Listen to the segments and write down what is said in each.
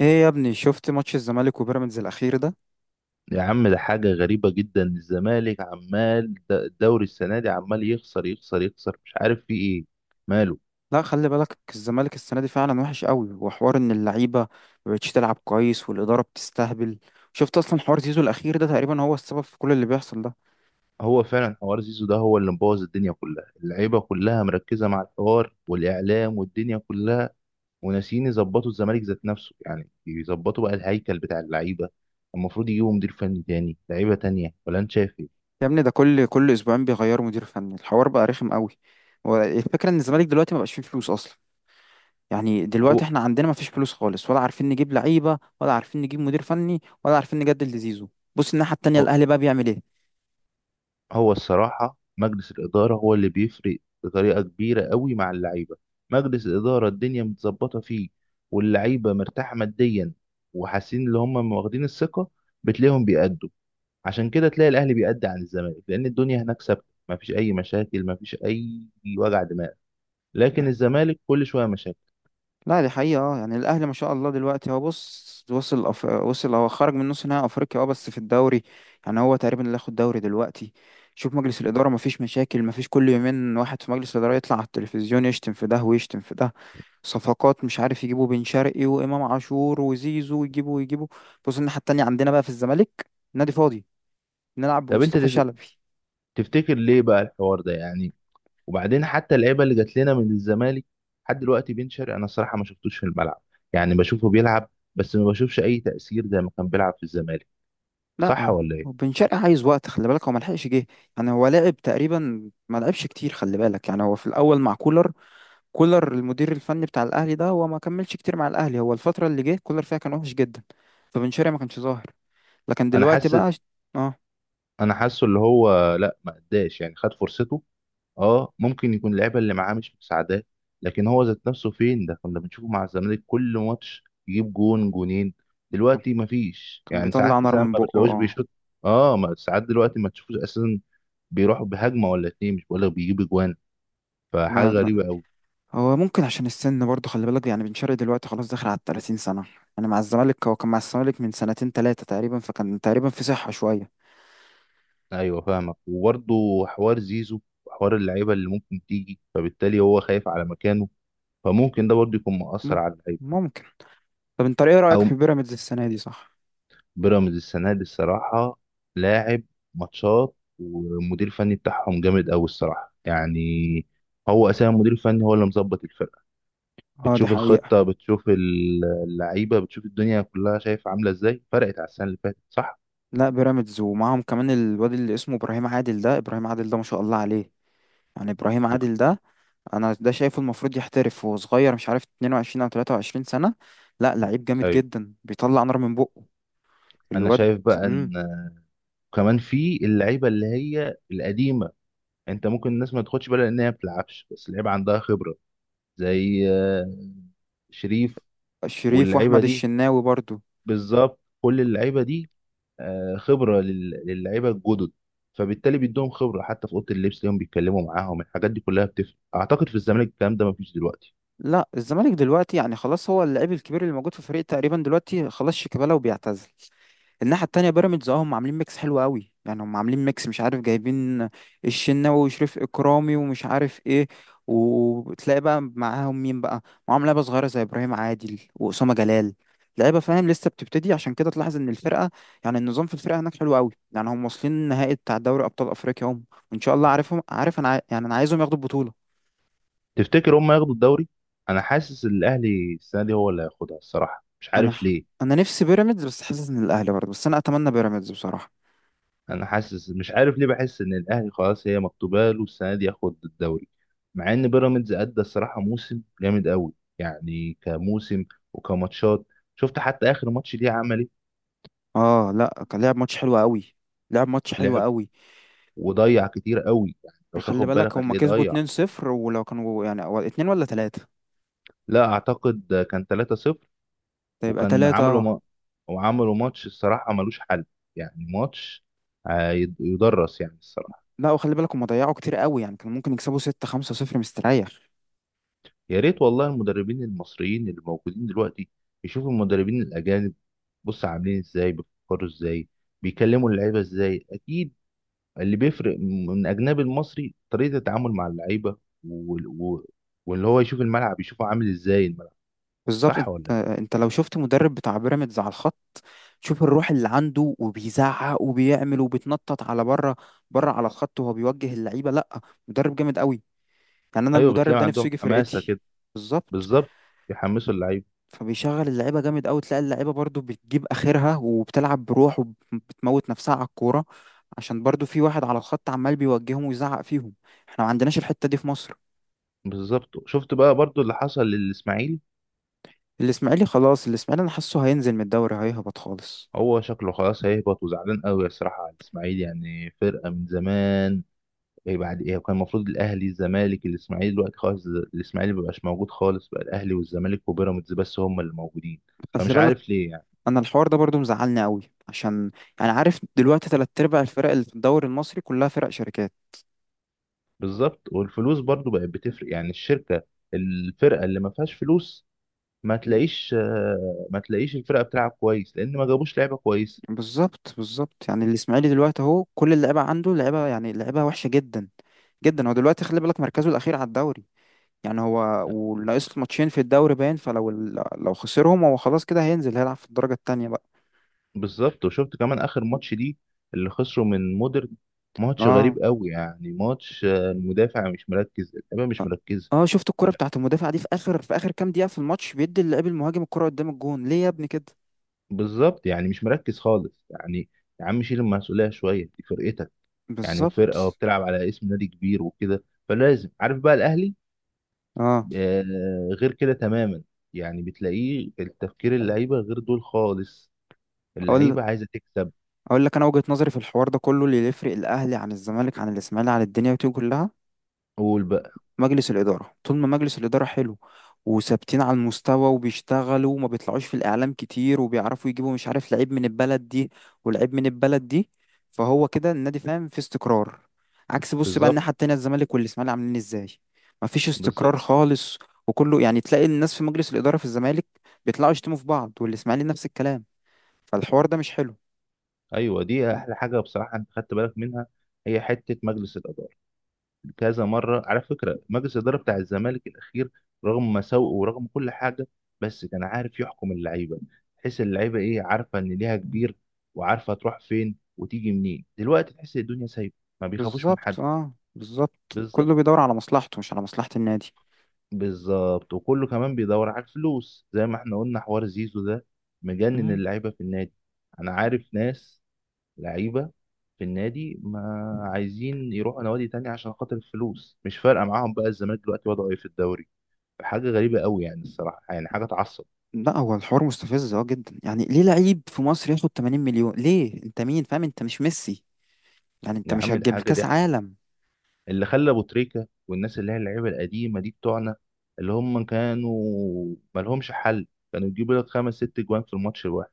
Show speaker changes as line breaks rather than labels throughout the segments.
ايه يا ابني، شفت ماتش الزمالك وبيراميدز الاخير ده؟
يا عم ده حاجة غريبة جدا. الزمالك عمال الدوري السنة دي عمال يخسر يخسر يخسر، مش عارف في ايه ماله.
لا خلي بالك، الزمالك السنه دي فعلا وحش قوي، وحوار ان اللعيبه ما بقتش تلعب كويس والاداره بتستهبل. شفت اصلا حوار زيزو الاخير ده؟ تقريبا هو السبب في كل اللي بيحصل ده.
هو فعلا حوار زيزو ده هو اللي مبوظ الدنيا كلها، اللعيبة كلها مركزة مع الحوار والإعلام والدنيا كلها، وناسيين يظبطوا الزمالك ذات نفسه، يعني يظبطوا بقى الهيكل بتاع اللعيبة. المفروض يجيبوا مدير فني تاني، لعيبة تانية، ولا انت شايف ايه؟
يا ابني ده كل اسبوعين بيغيروا مدير فني، الحوار بقى رخم قوي. والفكره ان الزمالك دلوقتي ما بقاش فيه فلوس اصلا. يعني
هو
دلوقتي احنا عندنا ما فيش فلوس خالص، ولا عارفين نجيب لعيبه، ولا عارفين نجيب مدير فني، ولا عارفين نجدد لزيزو. بص الناحيه التانيه
هو
الاهلي بقى بيعمل ايه؟
هو الصراحة مجلس الإدارة هو اللي بيفرق بطريقة كبيرة قوي مع اللعيبة. مجلس الإدارة الدنيا متظبطة فيه، واللعيبة مرتاحة ماديا، وحاسين اللي هم واخدين الثقة، بتلاقيهم بيأدوا. عشان كده تلاقي الأهلي بيأدي عن الزمالك، لأن الدنيا هناك ثابتة، مفيش أي مشاكل، مفيش أي وجع دماغ. لكن الزمالك كل شوية مشاكل.
لا دي حقيقة، اه يعني الأهلي ما شاء الله دلوقتي، هو بص وصل وصل، هو خرج من نص نهائي أفريقيا، اه بس في الدوري يعني هو تقريبا اللي ياخد دوري دلوقتي. شوف مجلس الإدارة ما فيش مشاكل، ما فيش كل يومين واحد في مجلس الإدارة يطلع على التلفزيون يشتم في ده ويشتم في ده. صفقات مش عارف يجيبوا بن شرقي وإمام عاشور وزيزو، ويجيبوا ويجيبوا. بص الناحية التانية عندنا بقى في الزمالك نادي فاضي، نلعب
طب أنت
بمصطفى شلبي.
تفتكر ليه بقى الحوار ده يعني؟ وبعدين حتى اللعيبه اللي جات لنا من الزمالك لحد دلوقتي، بن شرقي انا الصراحه ما شفتوش في الملعب. يعني بشوفه بيلعب بس ما بشوفش اي تاثير زي ما كان بيلعب في الزمالك،
لا
صح
اهو.
ولا ايه؟
وبن شرقي عايز وقت، خلي بالك هو ملحقش جه. يعني هو لعب تقريبا ما لعبش كتير، خلي بالك يعني هو في الاول مع كولر، كولر المدير الفني بتاع الاهلي ده، هو ما كملش كتير مع الاهلي، هو الفتره اللي جه كولر فيها كان وحش جدا. فبن شرقي ما كانش ظاهر، لكن
انا
دلوقتي
حاسس،
بقى اه
انا حاسه اللي هو لا ما اداش يعني خد فرصته. اه ممكن يكون اللعيبه اللي معاه مش مساعداه، لكن هو ذات نفسه فين؟ ده كنا بنشوفه مع الزمالك كل ماتش يجيب جون جونين، دلوقتي ما فيش.
كان
يعني
بيطلع
ساعات
نار
ساعات
من
ما
بقه
بتلاقوش
اه.
بيشوط. اه ما ساعات دلوقتي ما تشوفوش اساسا، بيروحوا بهجمه ولا اتنين، مش بقول لك بيجيب اجوان. فحاجة
لا لا،
غريبة أوي.
هو ممكن عشان السن برضه، خلي بالك يعني بن شرقي دلوقتي خلاص داخل على 30 سنه. يعني مع الزمالك هو كان مع الزمالك من سنتين ثلاثه تقريبا، فكان تقريبا في صحه شويه.
أيوه فاهمك، وبرضه حوار زيزو وحوار اللعيبة اللي ممكن تيجي، فبالتالي هو خايف على مكانه، فممكن ده برضه يكون مؤثر
مم-
على اللعيبة.
ممكن. طب انت ايه رايك
أو
في بيراميدز السنه دي؟ صح
بيراميدز السنة دي الصراحة لاعب ماتشات، والمدير الفني بتاعهم جامد أوي الصراحة. يعني هو أساسا المدير الفني هو اللي مظبط الفرقة.
اه دي
بتشوف
حقيقه.
الخطة، بتشوف اللعيبة، بتشوف الدنيا كلها شايف عاملة إزاي، فرقت على السنة اللي فاتت صح؟
لا بيراميدز، ومعاهم كمان الواد اللي اسمه ابراهيم عادل ده، ابراهيم عادل ده ما شاء الله عليه. يعني ابراهيم
وك-
عادل ده انا ده شايفه المفروض يحترف وهو صغير، مش عارف 22 او 23 سنة. لا لعيب جامد
أيوه
جدا بيطلع نار من بقه
أنا
الواد.
شايف بقى إن
امم
وكمان في اللعيبه اللي هي القديمه، انت ممكن الناس ما تاخدش بالها لانها ما بتلعبش، بس اللعيبه عندها خبره. زي شريف.
شريف
واللعيبه
واحمد
دي
الشناوي برضو.
بالظبط، كل اللعيبه دي خبره للعيبه الجدد. فبالتالي بيدوهم خبره حتى في اوضه اللبس، ليهم بيتكلموا معاهم، الحاجات دي كلها بتفرق. اعتقد في الزمالك الكلام ده مفيش دلوقتي.
لا الزمالك دلوقتي يعني خلاص، هو اللعيب الكبير اللي موجود في الفريق تقريبا دلوقتي خلاص شيكابالا وبيعتزل. الناحية التانية بيراميدز اه هم عاملين ميكس حلو قوي، يعني هم عاملين ميكس مش عارف، جايبين الشناوي وشريف إكرامي ومش عارف ايه، وتلاقي بقى معاهم مين بقى؟ معاهم لعيبة صغيرة زي إبراهيم عادل وأسامة جلال، لعيبة فاهم لسه بتبتدي. عشان كده تلاحظ ان الفرقة، يعني النظام في الفرقة هناك حلو قوي، يعني هم واصلين النهائي بتاع دوري أبطال أفريقيا هم. وإن شاء الله عارفهم، عارف انا يعني انا عايزهم ياخدوا البطولة.
تفتكر هم ياخدوا الدوري؟ انا حاسس الاهلي السنه دي هو اللي هياخدها الصراحه، مش
انا
عارف
ح-
ليه.
انا نفسي بيراميدز، بس حاسس ان الأهلي برضه، بس انا اتمنى بيراميدز بصراحة.
انا حاسس مش عارف ليه، بحس ان الاهلي خلاص هي مكتوبه له السنه دي ياخد الدوري، مع ان بيراميدز ادى الصراحه موسم جامد قوي. يعني كموسم وكماتشات، شفت حتى اخر ماتش ليه عمل ايه؟
اه لا كان لعب ماتش حلو قوي، لعب ماتش حلو
لعب
قوي.
وضيع كتير قوي، يعني لو
خلي
تاخد
بالك
بالك
هم
هتلاقيه
كسبوا
ضيع.
2-0، ولو كانوا يعني اتنين ولا تلاتة،
لا اعتقد كان 3-0.
فيبقى
وكان
تلاتة
عملوا
اه.
ما... وعملوا ماتش الصراحه ملوش حل. يعني ماتش يدرس يعني الصراحه.
لا وخلي بالك هم ضيعوا كتير قوي، يعني كانوا ممكن يكسبوا 6-5-0 مستريح.
يا ريت والله المدربين المصريين اللي موجودين دلوقتي يشوفوا المدربين الاجانب، بص عاملين ازاي، بيفكروا ازاي، بيكلموا اللعيبه ازاي. اكيد اللي بيفرق من اجنبي المصري طريقه التعامل مع اللعيبه، وال- و- واللي هو يشوف الملعب يشوفه عامل ازاي الملعب،
بالظبط،
صح ولا
انت
لا؟
انت لو شفت مدرب بتاع بيراميدز على الخط، شوف الروح اللي عنده، وبيزعق وبيعمل وبيتنطط على بره، بره على الخط، وهو بيوجه اللعيبة. لا مدرب جامد قوي، يعني انا
ايوه
المدرب
بتلاقي
ده نفسه
عندهم
يجي
حماسه
فرقتي.
كده.
بالظبط.
بالظبط، يحمسوا اللعيبه.
فبيشغل اللعيبه جامد قوي، تلاقي اللعيبه برضو بتجيب اخرها وبتلعب بروح، وبتموت نفسها على الكوره، عشان برضو في واحد على الخط عمال بيوجههم ويزعق فيهم. احنا ما عندناش الحته دي في مصر.
بالظبط شفت بقى برضو اللي حصل للاسماعيلي.
الاسماعيلي خلاص، الاسماعيلي انا حاسه هينزل من الدوري، هيهبط خالص.
هو شكله خلاص هيهبط، وزعلان قوي الصراحه على الاسماعيلي، يعني فرقه من زمان. إيه بعد ايه؟ كان المفروض الاهلي الزمالك الاسماعيلي، دلوقتي خالص الاسماعيلي مبقاش موجود خالص، بقى الاهلي والزمالك وبيراميدز بس هم اللي موجودين.
خلي
فمش
بالك،
عارف ليه يعني.
انا الحوار ده برضو مزعلني قوي، عشان يعني عارف دلوقتي تلات ارباع الفرق اللي في الدوري المصري كلها فرق شركات.
بالظبط، والفلوس برضو بقت بتفرق. يعني الشركه، الفرقه اللي ما فيهاش فلوس ما تلاقيش ما تلاقيش الفرقه بتلعب كويس لان ما جابوش لعيبه كويسه.
بالظبط بالظبط، يعني الاسماعيلي دلوقتي اهو كل اللعيبه عنده لعيبه، يعني لعيبه وحشه جدا جدا. هو دلوقتي خلي بالك مركزه الاخير على الدوري. يعني هو وناقص له ماتشين في الدوري، باين لو خسرهم هو خلاص كده هينزل، هيلعب في الدرجة التانية بقى.
بالظبط، وشفت كمان اخر ماتش دي اللي خسروا من مودرن. ماتش غريب
اه
قوي، يعني ماتش المدافع مش مركز، اللعيبه مش
اه
مركزه.
آه، شفت الكرة بتاعت المدافع دي في اخر، في اخر كام دقيقة في الماتش بيدي اللاعب المهاجم الكرة قدام الجون، ليه يا ابني كده؟
بالظبط، يعني مش مركز خالص يعني. يا عم شيل المسؤوليه شويه، دي فرقتك يعني، وفرقه
بالظبط
وبتلعب على اسم نادي كبير وكده، فلازم. عارف بقى الاهلي
اه.
آه غير كده تماما، يعني بتلاقيه التفكير اللعيبه غير دول خالص.
اقول
اللعيبه عايزه تكسب.
اقول لك انا وجهة نظري في الحوار ده كله، اللي يفرق الاهلي عن الزمالك عن الاسماعيلي عن الدنيا دي كلها،
قول بقى.
مجلس الإدارة. طول ما مجلس الإدارة حلو وثابتين على المستوى، وبيشتغلوا، وما بيطلعوش في الإعلام كتير، وبيعرفوا يجيبوا مش عارف لعيب من البلد دي ولعيب من البلد دي، فهو كده النادي فاهم في استقرار. عكس بص بقى
بالظبط
الناحية التانية الزمالك والإسماعيلي عاملين إزاي، مفيش استقرار
بالظبط.
خالص. وكله يعني تلاقي الناس في مجلس الإدارة في الزمالك بيطلعوا يشتموا في بعض، والإسماعيلي نفس الكلام، فالحوار ده مش حلو.
ايوه دي احلى حاجه بصراحه انت خدت بالك منها. هي حته مجلس الاداره، كذا مره على فكره مجلس الاداره بتاع الزمالك الاخير، رغم مساوئه ورغم كل حاجه، بس كان عارف يحكم اللعيبه. تحس اللعيبه ايه؟ عارفه ان ليها كبير، وعارفه تروح فين وتيجي منين. دلوقتي تحس الدنيا سايبه، ما بيخافوش من
بالظبط
حد.
اه بالظبط،
بالظبط.
كله بيدور على مصلحته مش على مصلحة النادي.
بالظبط وكله كمان بيدور على الفلوس، زي ما احنا قلنا حوار زيزو ده مجنن اللعيبه في النادي. انا عارف ناس لعيبه في النادي ما عايزين يروحوا نوادي تانية، عشان خاطر الفلوس مش فارقة معاهم بقى الزمالك دلوقتي وضعه ايه في الدوري. حاجه غريبه قوي، يعني الصراحه يعني حاجه تعصب.
لا هو الحوار مستفز اه جدا، يعني ليه لعيب في مصر ياخد 80 مليون؟ ليه انت مين فاهم؟ انت مش ميسي، يعني انت
يا
مش
عم ده
هتجيب
حاجه
كاس
ضحك.
عالم.
اللي خلى ابو تريكه والناس اللي هي اللعيبه القديمه دي بتوعنا اللي هم كانوا مالهمش حل، كانوا يجيبوا لك 5 6 جوان في الماتش الواحد.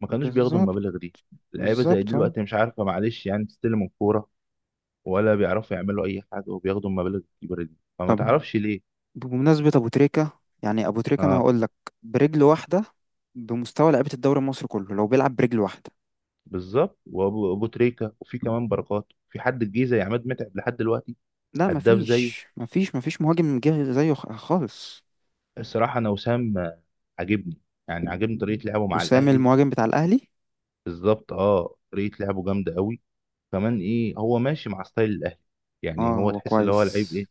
ما كانوش بياخدوا
بالظبط
المبالغ دي. اللعيبه زي دي
بالظبط اه.
دلوقتي مش عارفه معلش يعني تستلم الكوره، ولا بيعرفوا يعملوا اي حاجه، وبياخدوا المبالغ الكبيره دي. فما
طب
تعرفش ليه.
بمناسبة ابو تريكة، يعني ابو تريكة انا
اه
هقول لك برجل واحدة بمستوى لعيبة الدوري المصري كله لو بيلعب برجل واحدة.
بالظبط أبو تريكه، وفي كمان بركات، في حد الجيزه يا عماد متعب لحد دلوقتي
لا
هداف
مفيش
زيه؟
مفيش مفيش مهاجم جه زيه خالص.
الصراحه انا وسام عاجبني، يعني عاجبني طريقه لعبه مع
وسام
الاهلي.
المهاجم بتاع الاهلي
بالظبط اه، طريقه لعبه جامده قوي. كمان ايه، هو ماشي مع ستايل الاهلي. يعني
اه
هو
هو
تحس اللي هو لعيب
كويس.
ايه.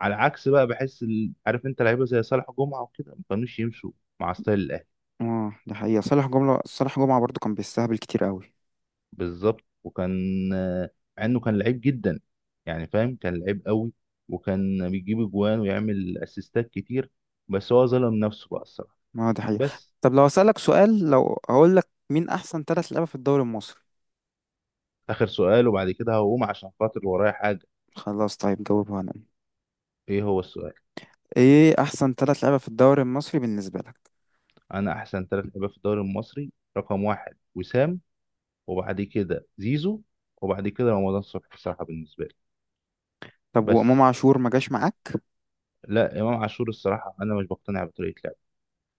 على عكس بقى بحس عارف انت لعيبه زي صالح جمعه وكده ما كانوش يمشوا مع ستايل الاهلي.
اه ده حقيقة، صالح جمعة، صالح جمعة برضو كان بيستهبل كتير قوي.
بالظبط. وكان آه، مع انه كان لعيب جدا، يعني فاهم كان لعيب قوي، وكان بيجيب اجوان ويعمل اسيستات كتير، بس هو ظلم نفسه بقى الصراحه.
ما هو دي حقيقة.
بس
طب لو أسألك سؤال، لو هقول لك مين أحسن ثلاث لعيبة في الدوري المصري؟
اخر سؤال وبعد كده هقوم عشان خاطر ورايا حاجه.
خلاص طيب جاوبها أنا،
ايه هو السؤال؟
إيه أحسن ثلاث لعيبة في الدوري المصري بالنسبة لك؟
انا احسن ثلاث لعيبه في الدوري المصري رقم واحد وسام، وبعد كده زيزو، وبعد كده رمضان صبحي الصراحه بالنسبه لي.
طب وإمام
بس
عاشور ما جاش معاك؟
لا، امام عاشور الصراحه انا مش بقتنع بطريقه لعبه.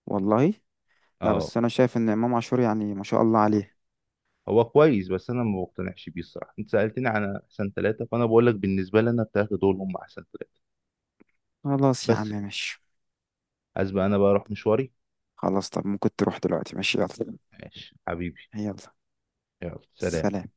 والله لا،
اه
بس أنا شايف إن إمام عاشور يعني ما شاء الله عليه.
هو كويس بس انا ما بقتنعش بيه الصراحه. انت سالتني عن احسن ثلاثه فانا بقول لك بالنسبه لي انا الثلاثه دول هم احسن ثلاثه.
خلاص يا عم
بس كده.
ماشي.
عايز بقى انا بقى اروح مشواري.
خلاص طب ممكن تروح دلوقتي، ماشي، يلا.
ماشي حبيبي.
يلا
يلا سلام.
سلام.